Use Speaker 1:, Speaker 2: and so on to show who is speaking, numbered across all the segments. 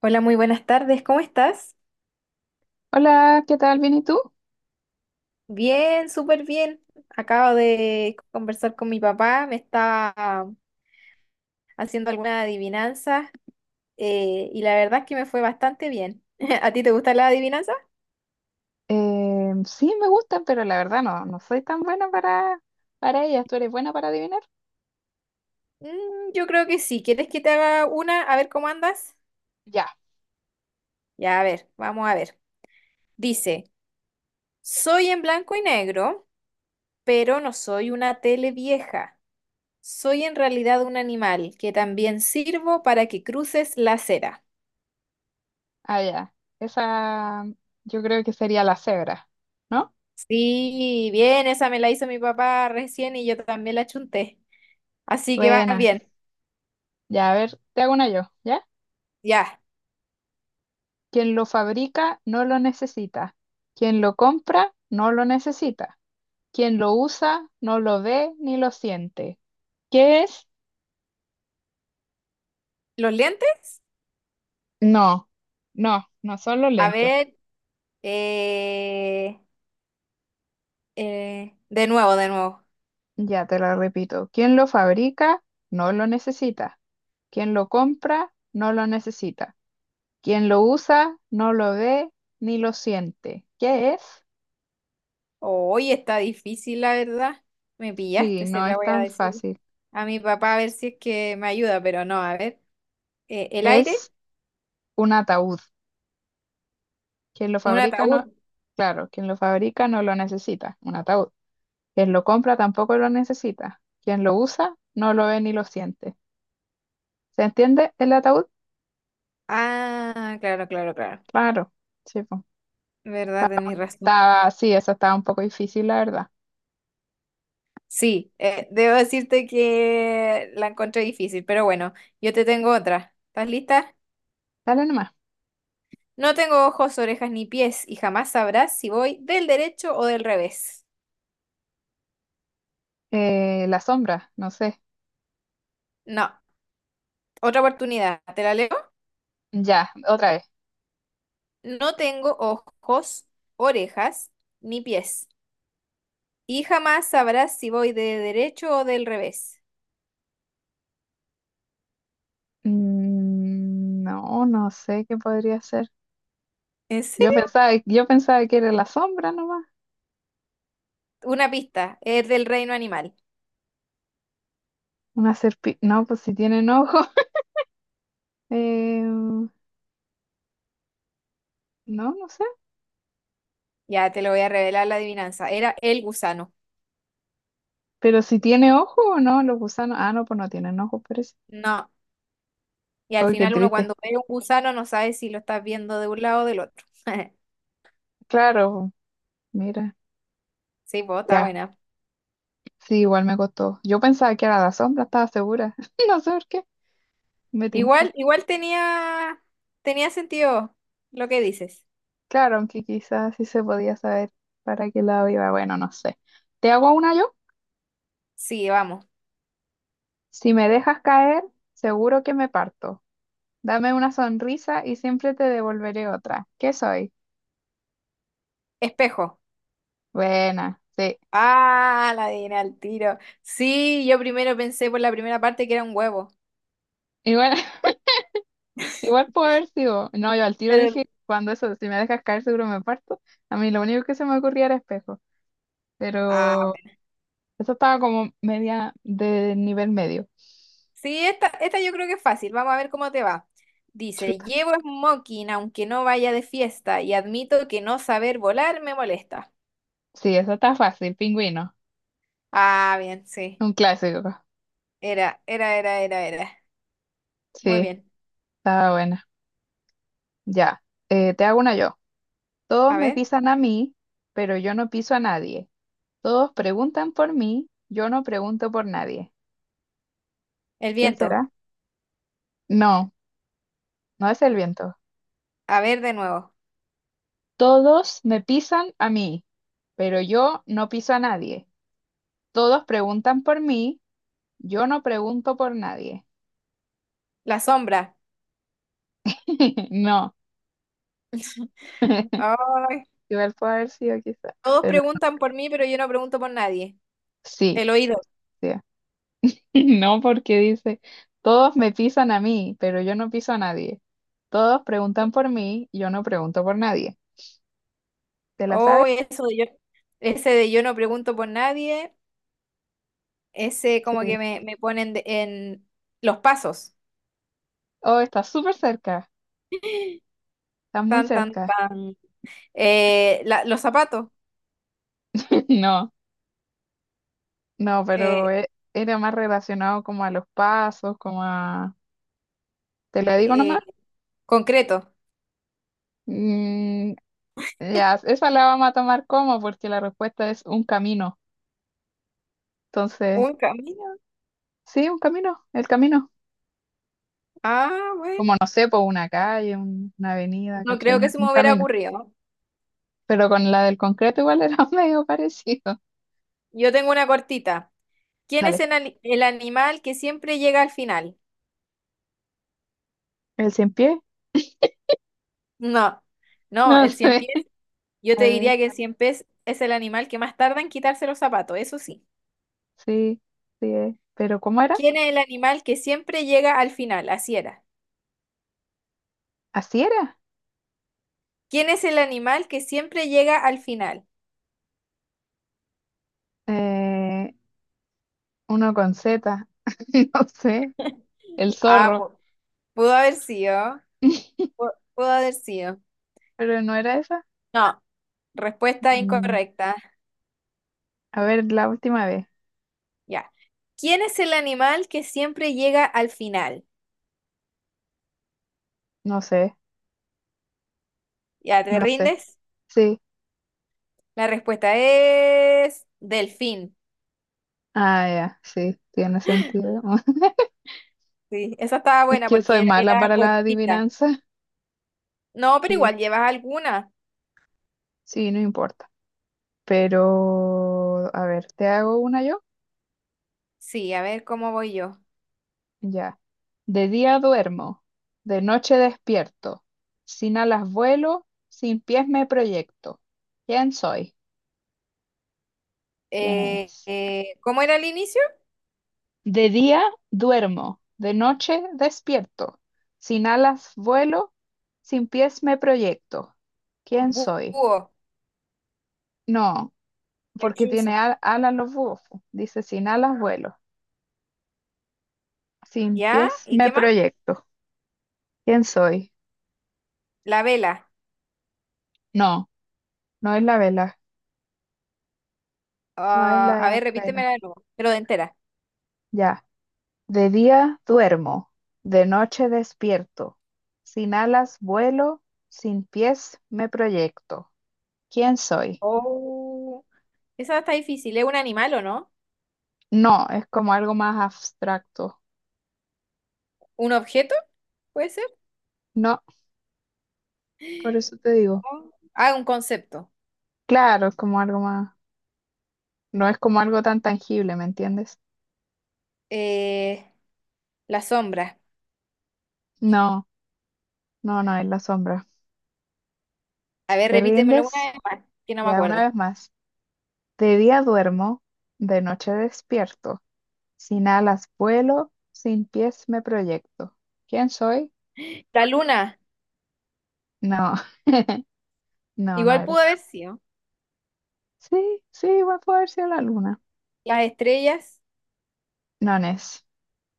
Speaker 1: Hola, muy buenas tardes, ¿cómo estás?
Speaker 2: Hola, ¿qué tal? ¿Bien y tú?
Speaker 1: Bien, súper bien. Acabo de conversar con mi papá, me estaba haciendo algunas adivinanzas y la verdad es que me fue bastante bien. ¿A ti te gusta la adivinanza
Speaker 2: Sí, me gustan, pero la verdad no soy tan buena para ellas. ¿Tú eres buena para adivinar?
Speaker 1: Yo creo que sí. ¿Quieres que te haga una? A ver cómo andas.
Speaker 2: Ya,
Speaker 1: Ya, a ver, vamos a ver. Dice, soy en blanco y negro, pero no soy una tele vieja. Soy en realidad un animal que también sirvo para que cruces la acera.
Speaker 2: ah, ya. Esa yo creo que sería la cebra, ¿no?
Speaker 1: Sí, bien, esa me la hizo mi papá recién y yo también la chunté. Así que va
Speaker 2: Buena.
Speaker 1: bien.
Speaker 2: Ya, a ver, te hago una yo, ¿ya?
Speaker 1: Ya.
Speaker 2: Quien lo fabrica no lo necesita. Quien lo compra no lo necesita. Quien lo usa no lo ve ni lo siente. ¿Qué es?
Speaker 1: ¿Los lentes?
Speaker 2: No, no, no son los
Speaker 1: A
Speaker 2: lentes.
Speaker 1: ver, eh, de nuevo, de nuevo.
Speaker 2: Ya te la repito. Quien lo fabrica, no lo necesita. Quien lo compra, no lo necesita. Quien lo usa, no lo ve ni lo siente. ¿Qué es?
Speaker 1: Hoy está difícil, la verdad. Me
Speaker 2: Sí,
Speaker 1: pillaste, se
Speaker 2: no
Speaker 1: la
Speaker 2: es
Speaker 1: voy a
Speaker 2: tan
Speaker 1: decir
Speaker 2: fácil.
Speaker 1: a mi papá a ver si es que me ayuda, pero no, a ver. El aire,
Speaker 2: Es un ataúd. Quien lo
Speaker 1: un
Speaker 2: fabrica, no...
Speaker 1: ataúd.
Speaker 2: Claro, quien lo fabrica no lo necesita. Un ataúd. Quien lo compra tampoco lo necesita. Quien lo usa, no lo ve ni lo siente. ¿Se entiende el ataúd?
Speaker 1: Ah, claro, claro, claro.
Speaker 2: Claro. Sí, po.
Speaker 1: ¿Verdad? Tenés razón.
Speaker 2: Estaba, sí, eso estaba un poco difícil, la verdad.
Speaker 1: Sí, debo decirte que la encontré difícil, pero bueno, yo te tengo otra. ¿Estás lista?
Speaker 2: Dale nomás.
Speaker 1: No tengo ojos, orejas ni pies y jamás sabrás si voy del derecho o del revés.
Speaker 2: La sombra, no sé.
Speaker 1: No, otra oportunidad, ¿te la leo?
Speaker 2: Ya, otra vez.
Speaker 1: No tengo ojos, orejas ni pies y jamás sabrás si voy de derecho o del revés.
Speaker 2: No, no sé qué podría ser.
Speaker 1: ¿En serio?
Speaker 2: Yo pensaba que era la sombra nomás.
Speaker 1: Una pista, es del reino animal.
Speaker 2: Una serpiente. No, pues si tienen ojo. No, no sé.
Speaker 1: Ya te lo voy a revelar la adivinanza. Era el gusano.
Speaker 2: Pero si tiene ojo o no, los gusanos. Ah, no, pues no tienen ojo, parece.
Speaker 1: No. Y al
Speaker 2: Ay, qué
Speaker 1: final uno
Speaker 2: triste.
Speaker 1: cuando ve un gusano no sabe si lo estás viendo de un lado o del otro.
Speaker 2: Claro, mira.
Speaker 1: Sí, pues está
Speaker 2: Ya,
Speaker 1: buena.
Speaker 2: sí, igual me costó. Yo pensaba que era la sombra, estaba segura. No sé por qué. Me tincó.
Speaker 1: Igual, igual tenía sentido lo que dices.
Speaker 2: Claro, aunque quizás sí se podía saber para qué lado iba. Bueno, no sé. ¿Te hago una yo?
Speaker 1: Sí, vamos.
Speaker 2: Si me dejas caer, seguro que me parto. Dame una sonrisa y siempre te devolveré otra. ¿Qué soy?
Speaker 1: Espejo.
Speaker 2: Buena, sí.
Speaker 1: Ah, la adiviné al tiro. Sí, yo primero pensé por la primera parte que era un huevo.
Speaker 2: Igual, igual puedo haber sido. No, yo al tiro
Speaker 1: Pero...
Speaker 2: dije, cuando eso, si me dejas caer, seguro me parto. A mí lo único que se me ocurría era espejo.
Speaker 1: Ah,
Speaker 2: Pero
Speaker 1: bueno.
Speaker 2: eso estaba como media de nivel medio.
Speaker 1: Sí, esta yo creo que es fácil. Vamos a ver cómo te va. Dice,
Speaker 2: Chuta.
Speaker 1: llevo smoking aunque no vaya de fiesta y admito que no saber volar me molesta.
Speaker 2: Sí, eso está fácil, pingüino.
Speaker 1: Ah, bien, sí.
Speaker 2: Un clásico.
Speaker 1: Era, era, era, era, era. Muy
Speaker 2: Sí,
Speaker 1: bien.
Speaker 2: estaba buena. Ya, te hago una yo. Todos
Speaker 1: A
Speaker 2: me
Speaker 1: ver,
Speaker 2: pisan a mí, pero yo no piso a nadie. Todos preguntan por mí, yo no pregunto por nadie.
Speaker 1: el
Speaker 2: ¿Quién
Speaker 1: viento.
Speaker 2: será? No, no es el viento.
Speaker 1: A ver de nuevo.
Speaker 2: Todos me pisan a mí, pero yo no piso a nadie. Todos preguntan por mí, yo no pregunto por nadie.
Speaker 1: La sombra.
Speaker 2: No,
Speaker 1: Ay,
Speaker 2: igual puede haber sido quizás,
Speaker 1: todos
Speaker 2: pero
Speaker 1: preguntan por mí, pero yo no pregunto por nadie.
Speaker 2: sí,
Speaker 1: El oído.
Speaker 2: sí. No, porque dice, todos me pisan a mí, pero yo no piso a nadie. Todos preguntan por mí, yo no pregunto por nadie. ¿Te la sabes?
Speaker 1: Oh, eso de yo. Ese de yo no pregunto por nadie. Ese como
Speaker 2: Sí.
Speaker 1: que me ponen de- en los pasos.
Speaker 2: Oh, está súper cerca, está muy
Speaker 1: Tan, tan,
Speaker 2: cerca.
Speaker 1: tan. La- los zapatos.
Speaker 2: No, no, pero
Speaker 1: Eh,
Speaker 2: e- era más relacionado como a los pasos, como a... ¿Te la digo
Speaker 1: eh,
Speaker 2: nomás?
Speaker 1: concreto.
Speaker 2: Mm, ya, esa la vamos a tomar como, porque la respuesta es un camino. Entonces,
Speaker 1: Un camino.
Speaker 2: sí, un camino, el camino.
Speaker 1: Ah, bueno.
Speaker 2: Como no sé, por una calle, una avenida,
Speaker 1: No
Speaker 2: ¿cachai?
Speaker 1: creo que
Speaker 2: Un
Speaker 1: se me hubiera
Speaker 2: camino.
Speaker 1: ocurrido.
Speaker 2: Pero con la del concreto igual era medio parecido.
Speaker 1: Yo tengo una cortita. ¿Quién es
Speaker 2: Dale,
Speaker 1: el, ani- el animal que siempre llega al final?
Speaker 2: el cien pie,
Speaker 1: No, no,
Speaker 2: no
Speaker 1: el cien
Speaker 2: sé.
Speaker 1: pies. Yo
Speaker 2: A
Speaker 1: te
Speaker 2: ver,
Speaker 1: diría que el cien pies es el animal que más tarda en quitarse los zapatos, eso sí.
Speaker 2: sí, sí es. Pero ¿cómo era?
Speaker 1: ¿Quién es el animal que siempre llega al final? Así era.
Speaker 2: Así era.
Speaker 1: ¿Quién es el animal que siempre llega al final?
Speaker 2: Eh, Uno con Z, no sé, el
Speaker 1: Ah,
Speaker 2: zorro.
Speaker 1: pu- pudo haber sido. Pu- Pudo haber sido.
Speaker 2: Pero no era esa.
Speaker 1: No, respuesta
Speaker 2: Mm,
Speaker 1: incorrecta.
Speaker 2: a ver, la última vez.
Speaker 1: Ya. ¿Quién es el animal que siempre llega al final?
Speaker 2: No sé,
Speaker 1: ¿Ya te
Speaker 2: no sé.
Speaker 1: rindes?
Speaker 2: Sí.
Speaker 1: La respuesta es delfín.
Speaker 2: Ah, ya, sí, tiene sentido.
Speaker 1: Sí, esa estaba
Speaker 2: Es
Speaker 1: buena
Speaker 2: que
Speaker 1: porque
Speaker 2: soy mala
Speaker 1: era
Speaker 2: para la
Speaker 1: cortita.
Speaker 2: adivinanza.
Speaker 1: No, pero
Speaker 2: Sí,
Speaker 1: igual llevas alguna.
Speaker 2: sí, no importa. Pero, a ver, ¿te hago una yo?
Speaker 1: Sí, a ver cómo voy yo.
Speaker 2: Ya. De día duermo, de noche despierto. Sin alas vuelo, sin pies me proyecto. ¿Quién soy? ¿Quién es?
Speaker 1: ¿Cómo era el inicio?
Speaker 2: De día duermo, de noche despierto. Sin alas vuelo, sin pies me proyecto. ¿Quién
Speaker 1: Bu-
Speaker 2: soy?
Speaker 1: Búho,
Speaker 2: No, porque tiene
Speaker 1: lechuza.
Speaker 2: alas los búhos, po. Dice, sin alas vuelo, sin
Speaker 1: ¿Ya?
Speaker 2: pies
Speaker 1: ¿Y
Speaker 2: me
Speaker 1: qué más?
Speaker 2: proyecto. ¿Quién soy?
Speaker 1: La vela.
Speaker 2: No, no es la vela, no es
Speaker 1: Ah, a ver,
Speaker 2: la vela.
Speaker 1: repítemela de nuevo, pero de entera.
Speaker 2: Ya. De día duermo, de noche despierto. Sin alas vuelo, sin pies me proyecto. ¿Quién soy?
Speaker 1: Oh, esa está difícil. ¿Es un animal o no?
Speaker 2: No, es como algo más abstracto.
Speaker 1: ¿Un objeto? ¿Puede ser?
Speaker 2: No, por eso te digo.
Speaker 1: Oh, Ah, un concepto.
Speaker 2: Claro, es como algo más. No es como algo tan tangible, ¿me entiendes?
Speaker 1: Eh, la sombra.
Speaker 2: No, no, no, es la sombra.
Speaker 1: A ver,
Speaker 2: ¿Te
Speaker 1: repítemelo una
Speaker 2: rindes?
Speaker 1: vez más, que no me
Speaker 2: Ya una
Speaker 1: acuerdo.
Speaker 2: vez más. De día duermo, de noche despierto. Sin alas vuelo, sin pies me proyecto. ¿Quién soy?
Speaker 1: La luna.
Speaker 2: No, no, no
Speaker 1: Igual pudo
Speaker 2: era.
Speaker 1: haber sido.
Speaker 2: Sí, sí, va a poder ser la luna.
Speaker 1: Las estrellas,
Speaker 2: No, Nes.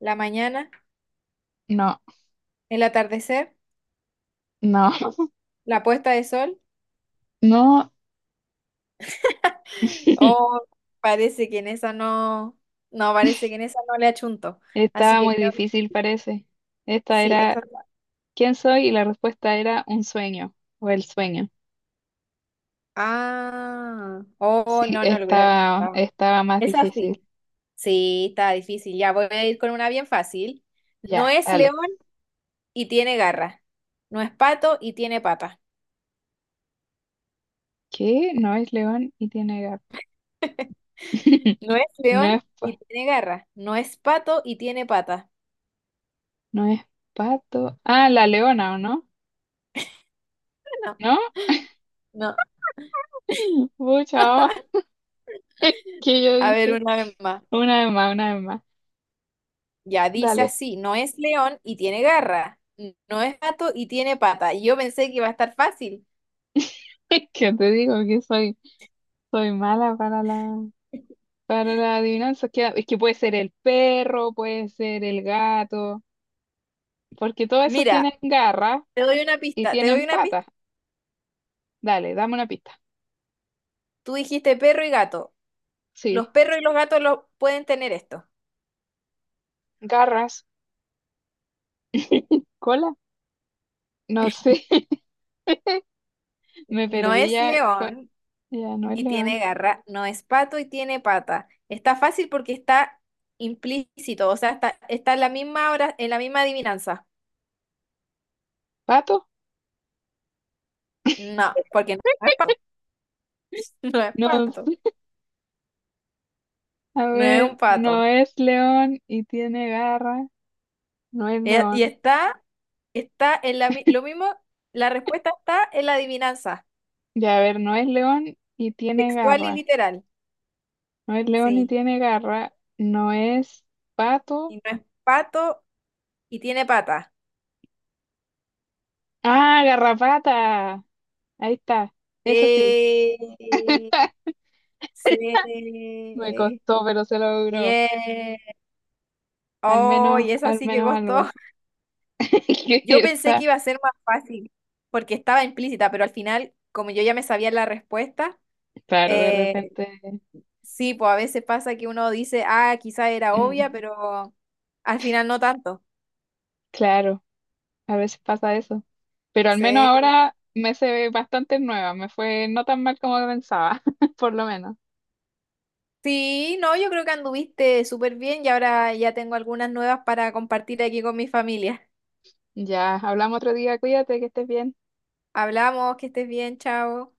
Speaker 1: la mañana,
Speaker 2: No,
Speaker 1: el atardecer,
Speaker 2: no,
Speaker 1: la puesta de sol.
Speaker 2: no.
Speaker 1: Oh, parece que en esa no, no, parece que en esa no le achunto. Así
Speaker 2: Estaba
Speaker 1: que
Speaker 2: muy
Speaker 1: creo que
Speaker 2: difícil, parece. Esta
Speaker 1: sí, esa.
Speaker 2: era ¿quién soy? Y la respuesta era un sueño o el sueño.
Speaker 1: Ah, oh,
Speaker 2: Sí,
Speaker 1: no, no lo hubiera achuntado.
Speaker 2: estaba más
Speaker 1: Es
Speaker 2: difícil.
Speaker 1: así. Sí, está difícil. Ya voy a ir con una bien fácil. No
Speaker 2: Ya,
Speaker 1: es león
Speaker 2: dale.
Speaker 1: y tiene garra. No es pato y tiene pata.
Speaker 2: ¿Qué? No es león y tiene gato.
Speaker 1: No es
Speaker 2: No
Speaker 1: león
Speaker 2: es,
Speaker 1: y
Speaker 2: pa-
Speaker 1: tiene garra. No es pato y tiene pata.
Speaker 2: no es pato. Ah, la leona, ¿o no?
Speaker 1: No,
Speaker 2: ¿No?
Speaker 1: no.
Speaker 2: Pucha, oh, que yo
Speaker 1: A ver,
Speaker 2: dije.
Speaker 1: una vez más.
Speaker 2: Una vez más, una vez más.
Speaker 1: Ya dice
Speaker 2: Dale.
Speaker 1: así, no es león y tiene garra, n- no es gato y tiene pata. Y yo pensé que iba a estar fácil.
Speaker 2: ¿Qué te digo que soy? Soy mala para para la adivinanza. Es que puede ser el perro, puede ser el gato, porque todos esos
Speaker 1: Mira,
Speaker 2: tienen garras
Speaker 1: te doy una
Speaker 2: y
Speaker 1: pista, te doy
Speaker 2: tienen
Speaker 1: una pista.
Speaker 2: patas. Dale, dame una pista.
Speaker 1: Tú dijiste perro y gato. Los
Speaker 2: Sí,
Speaker 1: perros y los gatos lo pueden tener esto.
Speaker 2: garras, cola. No sé, me
Speaker 1: No
Speaker 2: perdí
Speaker 1: es
Speaker 2: ya. Co-
Speaker 1: león
Speaker 2: Ya no es
Speaker 1: y
Speaker 2: león.
Speaker 1: tiene garra, no es pato y tiene pata. Está fácil porque está implícito, o sea, está en la misma hora, en la misma adivinanza.
Speaker 2: ¿Pato?
Speaker 1: No, porque no es pato, no es
Speaker 2: No,
Speaker 1: pato,
Speaker 2: a
Speaker 1: no es un
Speaker 2: ver, no
Speaker 1: pato.
Speaker 2: es león y tiene garras. No es
Speaker 1: Eh,
Speaker 2: león.
Speaker 1: Y está Está en la, mi- lo mismo, la respuesta está en la adivinanza,
Speaker 2: Ya, a ver, no es león y tiene
Speaker 1: textual y
Speaker 2: garras.
Speaker 1: literal.
Speaker 2: No es león y
Speaker 1: Sí.
Speaker 2: tiene garra. No es pato.
Speaker 1: Y no es pato y tiene pata.
Speaker 2: Ah, garrapata. Ahí está. Eso sí.
Speaker 1: Sí.
Speaker 2: Me
Speaker 1: Sí.
Speaker 2: costó, pero se logró.
Speaker 1: Bien. Oh, y esa
Speaker 2: Al
Speaker 1: sí que
Speaker 2: menos
Speaker 1: costó.
Speaker 2: algo. Que
Speaker 1: Yo pensé que
Speaker 2: está.
Speaker 1: iba a ser más fácil porque estaba implícita, pero al final, como yo ya me sabía la respuesta,
Speaker 2: Claro, de
Speaker 1: eh,
Speaker 2: repente.
Speaker 1: sí, pues a veces pasa que uno dice, ah, quizá era obvia,
Speaker 2: Mm,
Speaker 1: pero al final no tanto.
Speaker 2: claro, a veces pasa eso. Pero al menos
Speaker 1: Sí.
Speaker 2: ahora me se bastante nueva. Me fue no tan mal como pensaba, por lo menos.
Speaker 1: Sí, no, yo creo que anduviste súper bien y ahora ya tengo algunas nuevas para compartir aquí con mi familia.
Speaker 2: Ya, hablamos otro día. Cuídate, que estés bien.
Speaker 1: Hablamos, que estés bien, chao.